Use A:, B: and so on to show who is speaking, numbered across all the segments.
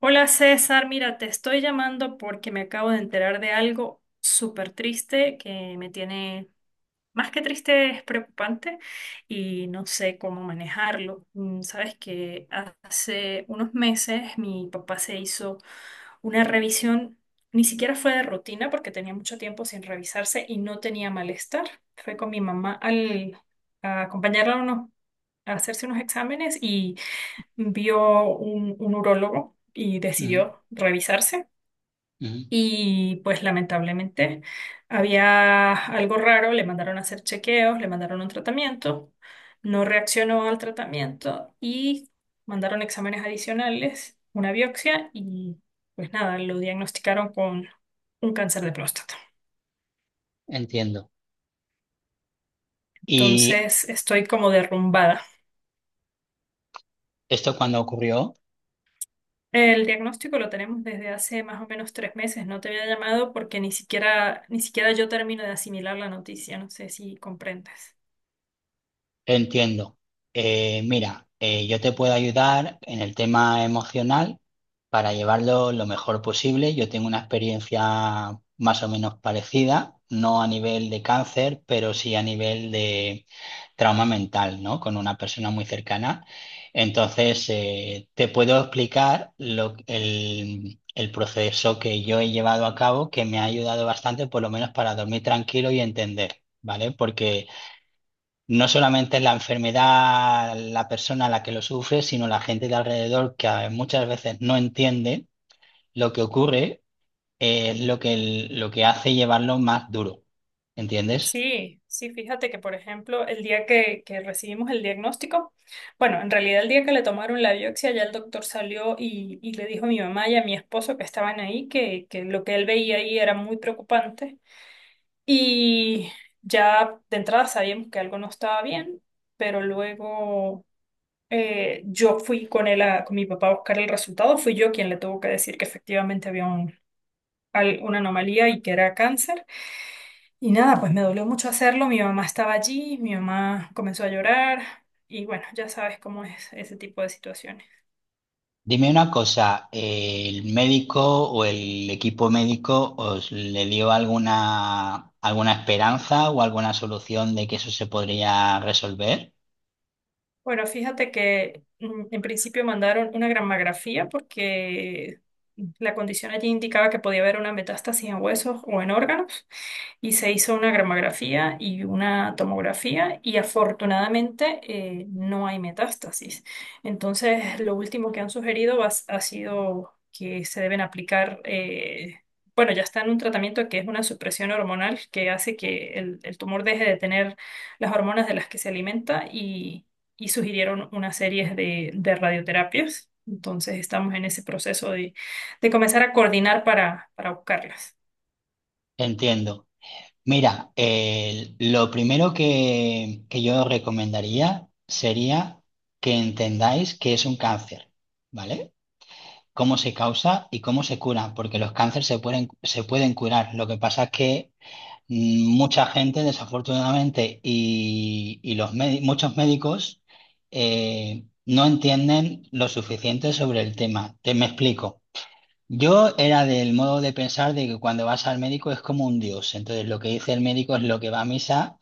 A: Hola César, mira, te estoy llamando porque me acabo de enterar de algo súper triste que me tiene, más que triste, es preocupante y no sé cómo manejarlo. Sabes que hace unos meses mi papá se hizo una revisión, ni siquiera fue de rutina porque tenía mucho tiempo sin revisarse y no tenía malestar. Fue con mi mamá a acompañarla a hacerse unos exámenes y vio un urólogo y
B: Ujú,
A: decidió revisarse.
B: ujú.
A: Y pues lamentablemente había algo raro, le mandaron a hacer chequeos, le mandaron un tratamiento, no reaccionó al tratamiento y mandaron exámenes adicionales, una biopsia y pues nada, lo diagnosticaron con un cáncer de próstata.
B: Entiendo. Y
A: Entonces estoy como derrumbada.
B: esto cuando ocurrió,
A: El diagnóstico lo tenemos desde hace más o menos 3 meses. No te había llamado porque ni siquiera yo termino de asimilar la noticia. No sé si comprendes.
B: entiendo. Mira, yo te puedo ayudar en el tema emocional, para llevarlo lo mejor posible. Yo tengo una experiencia más o menos parecida, no a nivel de cáncer, pero sí a nivel de trauma mental, ¿no? Con una persona muy cercana. Entonces, te puedo explicar el proceso que yo he llevado a cabo, que me ha ayudado bastante, por lo menos para dormir tranquilo y entender, ¿vale? Porque no solamente es la enfermedad, la persona a la que lo sufre, sino la gente de alrededor que muchas veces no entiende lo que ocurre, es lo que, lo que hace llevarlo más duro, ¿entiendes?
A: Sí, sí, fíjate que, por ejemplo, el día que recibimos el diagnóstico, bueno, en realidad el día que le tomaron la biopsia, ya el doctor salió y le dijo a mi mamá y a mi esposo que estaban ahí, que lo que él veía ahí era muy preocupante. Y ya de entrada sabíamos que algo no estaba bien, pero luego yo fui con con mi papá a buscar el resultado, fui yo quien le tuvo que decir que efectivamente había una anomalía y que era cáncer. Y nada, pues me dolió mucho hacerlo, mi mamá estaba allí, mi mamá comenzó a llorar y bueno, ya sabes cómo es ese tipo de situaciones.
B: Dime una cosa, ¿el médico o el equipo médico os le dio alguna, alguna esperanza o alguna solución de que eso se podría resolver?
A: Bueno, fíjate que en principio mandaron una gramografía porque la condición allí indicaba que podía haber una metástasis en huesos o en órganos. Y se hizo una gramografía y una tomografía y afortunadamente no hay metástasis. Entonces, lo último que han sugerido ha sido que se deben aplicar, bueno, ya está en un tratamiento que es una supresión hormonal que hace que el tumor deje de tener las hormonas de las que se alimenta y sugirieron una serie de radioterapias. Entonces estamos en ese proceso de comenzar a coordinar para buscarlas.
B: Entiendo. Mira, lo primero que yo recomendaría sería que entendáis que es un cáncer, ¿vale? Cómo se causa y cómo se cura, porque los cánceres se pueden curar. Lo que pasa es que mucha gente, desafortunadamente, y muchos médicos no entienden lo suficiente sobre el tema. Te me explico. Yo era del modo de pensar de que cuando vas al médico es como un dios. Entonces, lo que dice el médico es lo que va a misa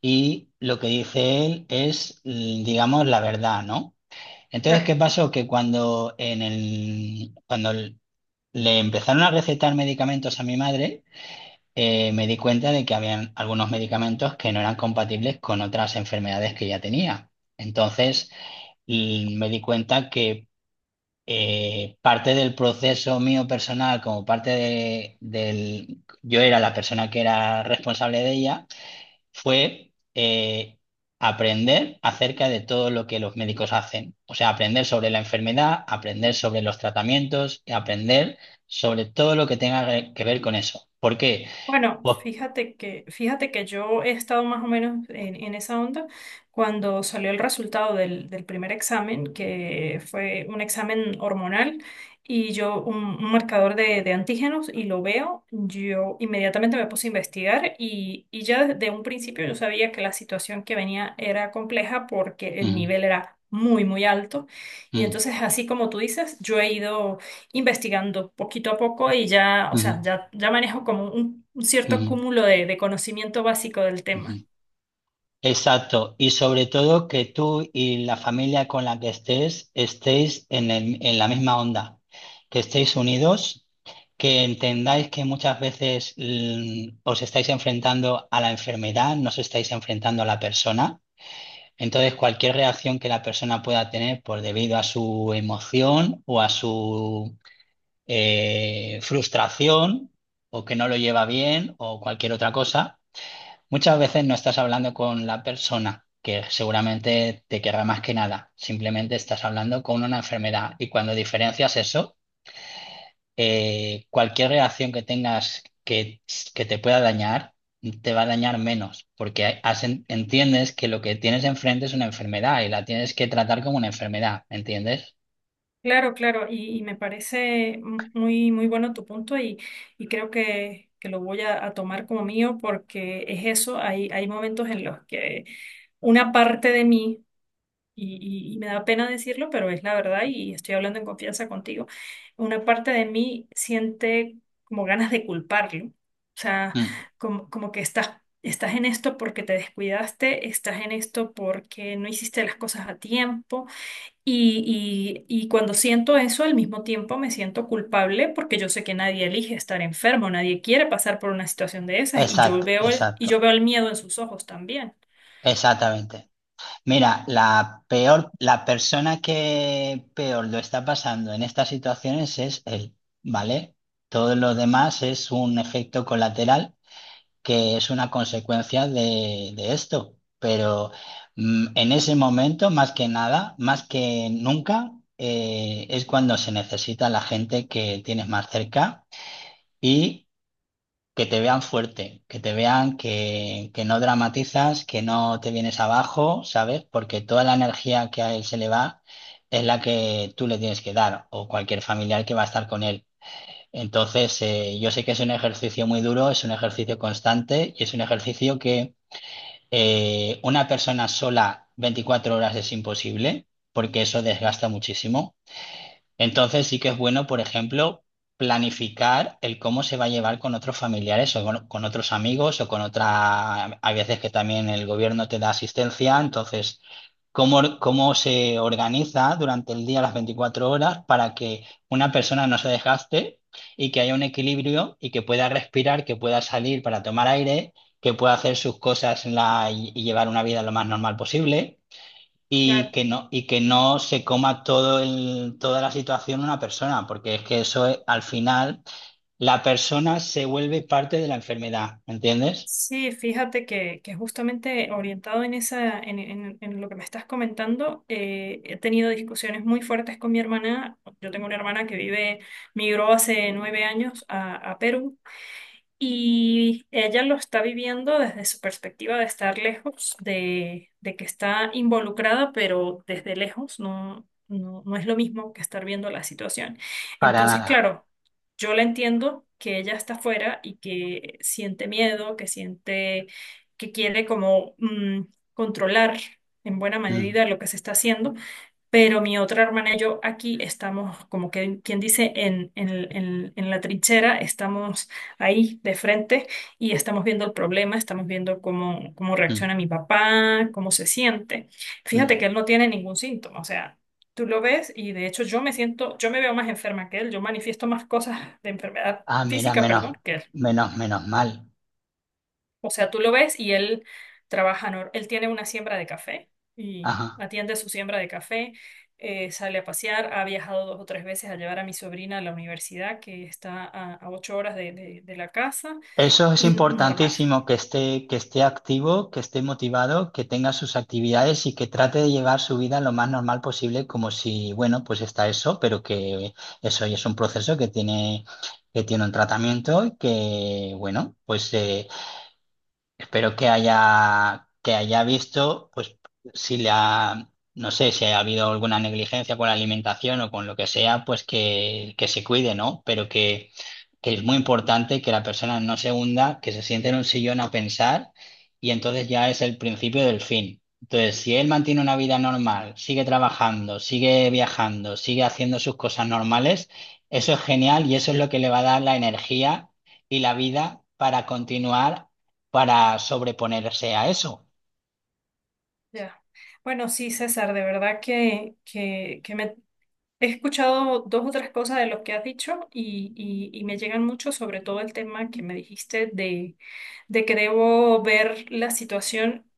B: y lo que dice él es, digamos, la verdad, ¿no? Entonces, ¿qué pasó? Que cuando en el, cuando le empezaron a recetar medicamentos a mi madre, me di cuenta de que habían algunos medicamentos que no eran compatibles con otras enfermedades que ya tenía. Entonces, y me di cuenta que parte del proceso mío personal, como parte de, del... Yo era la persona que era responsable de ella fue aprender acerca de todo lo que los médicos hacen. O sea, aprender sobre la enfermedad, aprender sobre los tratamientos y aprender sobre todo lo que tenga que ver con eso. ¿Por qué?
A: Bueno,
B: Pues-
A: fíjate que yo he estado más o menos en esa onda cuando salió el resultado del primer examen, que fue un examen hormonal, y yo un marcador de antígenos, y lo veo, yo inmediatamente me puse a investigar y ya desde un principio yo sabía que la situación que venía era compleja porque el
B: Ujú,
A: nivel era muy, muy alto. Y
B: ujú,
A: entonces, así como tú dices, yo he ido investigando poquito a poco y ya, o sea, ya manejo como un
B: ujú,
A: cierto
B: ujú,
A: cúmulo de conocimiento básico del tema.
B: ujú. Exacto, y sobre todo que tú y la familia con la que estés estéis en la misma onda, que estéis unidos, que entendáis que muchas veces os estáis enfrentando a la enfermedad, no os estáis enfrentando a la persona. Entonces, cualquier reacción que la persona pueda tener por debido a su emoción o a su frustración o que no lo lleva bien o cualquier otra cosa, muchas veces no estás hablando con la persona que seguramente te querrá más que nada, simplemente estás hablando con una enfermedad. Y cuando diferencias eso, cualquier reacción que tengas que te pueda dañar, te va a dañar menos, porque entiendes que lo que tienes enfrente es una enfermedad y la tienes que tratar como una enfermedad, ¿entiendes?
A: Claro, claro, y me parece muy, muy bueno tu punto y creo que lo voy a tomar como mío porque es eso, hay momentos en los que una parte de mí y me da pena decirlo, pero es la verdad y estoy hablando en confianza contigo. Una parte de mí siente como ganas de culparlo, o sea,
B: Mm.
A: como que estás en esto porque te descuidaste, estás en esto porque no hiciste las cosas a tiempo y cuando siento eso, al mismo tiempo me siento culpable porque yo sé que nadie elige estar enfermo, nadie quiere pasar por una situación de esas y yo
B: Exacto,
A: veo
B: exacto,
A: el miedo en sus ojos también.
B: exactamente. Mira, la peor, la persona que peor lo está pasando en estas situaciones es él, ¿vale? Todo lo demás es un efecto colateral que es una consecuencia de esto. Pero en ese momento, más que nada, más que nunca, es cuando se necesita la gente que tienes más cerca y que te vean fuerte, que te vean que no dramatizas, que no te vienes abajo, ¿sabes? Porque toda la energía que a él se le va es la que tú le tienes que dar, o cualquier familiar que va a estar con él. Entonces, yo sé que es un ejercicio muy duro, es un ejercicio constante y es un ejercicio que una persona sola 24 horas es imposible, porque eso desgasta muchísimo. Entonces sí que es bueno, por ejemplo, planificar el cómo se va a llevar con otros familiares o con otros amigos o con otra... Hay veces que también el gobierno te da asistencia. Entonces, cómo, cómo se organiza durante el día las 24 horas para que una persona no se desgaste y que haya un equilibrio y que pueda respirar, que pueda salir para tomar aire, que pueda hacer sus cosas y llevar una vida lo más normal posible.
A: Claro.
B: Y que no se coma todo el, toda la situación una persona, porque es que al final la persona se vuelve parte de la enfermedad, ¿me entiendes?
A: Sí, fíjate que justamente orientado en en lo que me estás comentando, he tenido discusiones muy fuertes con mi hermana. Yo tengo una hermana que vive, migró hace 9 años a Perú y ella lo está viviendo desde su perspectiva de estar lejos, de que está involucrada, pero desde lejos no, no, no es lo mismo que estar viendo la situación.
B: Para
A: Entonces,
B: nada.
A: claro, yo la entiendo que ella está afuera y que siente miedo, que siente que quiere como controlar en buena
B: Mm,
A: medida lo que se está haciendo, pero mi otra hermana y yo aquí estamos, como que quien dice, en la trinchera, estamos ahí de frente y estamos viendo el problema, estamos viendo cómo, cómo
B: mm,
A: reacciona mi papá, cómo se siente. Fíjate
B: mm.
A: que él no tiene ningún síntoma, o sea, tú lo ves y de hecho yo me siento, yo me veo más enferma que él, yo manifiesto más cosas de enfermedad
B: Ah, mira,
A: física,
B: menos,
A: perdón, que él.
B: menos, menos mal.
A: O sea, tú lo ves y él trabaja, él tiene una siembra de café y
B: Ajá.
A: atiende su siembra de café. Sale a pasear, ha viajado dos o tres veces a llevar a mi sobrina a la universidad, que está a 8 horas de de la casa
B: Eso es
A: y normal.
B: importantísimo, que esté activo, que esté motivado, que tenga sus actividades y que trate de llevar su vida lo más normal posible, como si, bueno, pues está eso, pero que eso ya es un proceso que tiene un tratamiento. Y que, bueno, pues espero que haya visto, pues, si le ha, no sé, si ha habido alguna negligencia con la alimentación o con lo que sea, pues que se cuide, ¿no? Pero que es muy importante que la persona no se hunda, que se siente en un sillón a pensar, y entonces ya es el principio del fin. Entonces, si él mantiene una vida normal, sigue trabajando, sigue viajando, sigue haciendo sus cosas normales, eso es genial y eso es lo que le va a dar la energía y la vida para continuar, para sobreponerse a eso.
A: Ya. Bueno, sí, César, de verdad que me he escuchado dos o tres cosas de lo que has dicho y me llegan mucho, sobre todo el tema que me dijiste de que debo ver la situación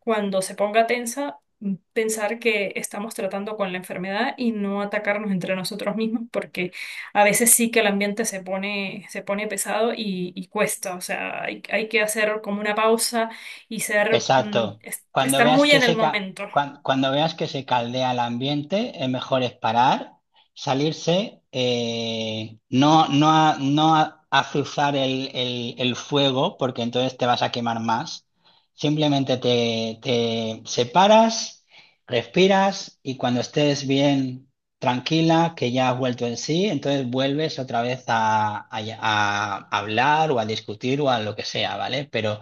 A: cuando se ponga tensa, pensar que estamos tratando con la enfermedad y no atacarnos entre nosotros mismos, porque a veces sí que el ambiente se pone pesado y cuesta. O sea, hay que hacer como una pausa y ser,
B: Exacto. Cuando
A: estar
B: veas
A: muy
B: que
A: en el momento.
B: cuando veas que se caldea el ambiente, es mejor es parar, salirse, no, no, no azuzar el fuego, porque entonces te vas a quemar más. Simplemente te, te separas, respiras y cuando estés bien tranquila, que ya has vuelto en sí, entonces vuelves otra vez a, a hablar o a discutir o a lo que sea, ¿vale? Pero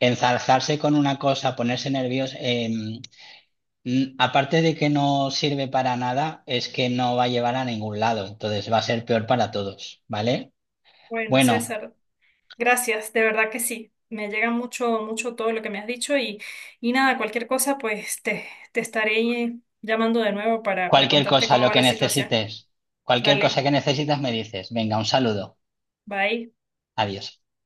B: enzarzarse con una cosa, ponerse nervioso, aparte de que no sirve para nada, es que no va a llevar a ningún lado. Entonces va a ser peor para todos, ¿vale?
A: Bueno,
B: Bueno,
A: César, gracias, de verdad que sí. Me llega mucho, mucho todo lo que me has dicho y nada, cualquier cosa, te estaré llamando de nuevo para
B: cualquier
A: contarte
B: cosa,
A: cómo
B: lo
A: va
B: que
A: la situación.
B: necesites, cualquier cosa
A: Dale,
B: que necesitas me dices. Venga, un saludo.
A: bye.
B: Adiós.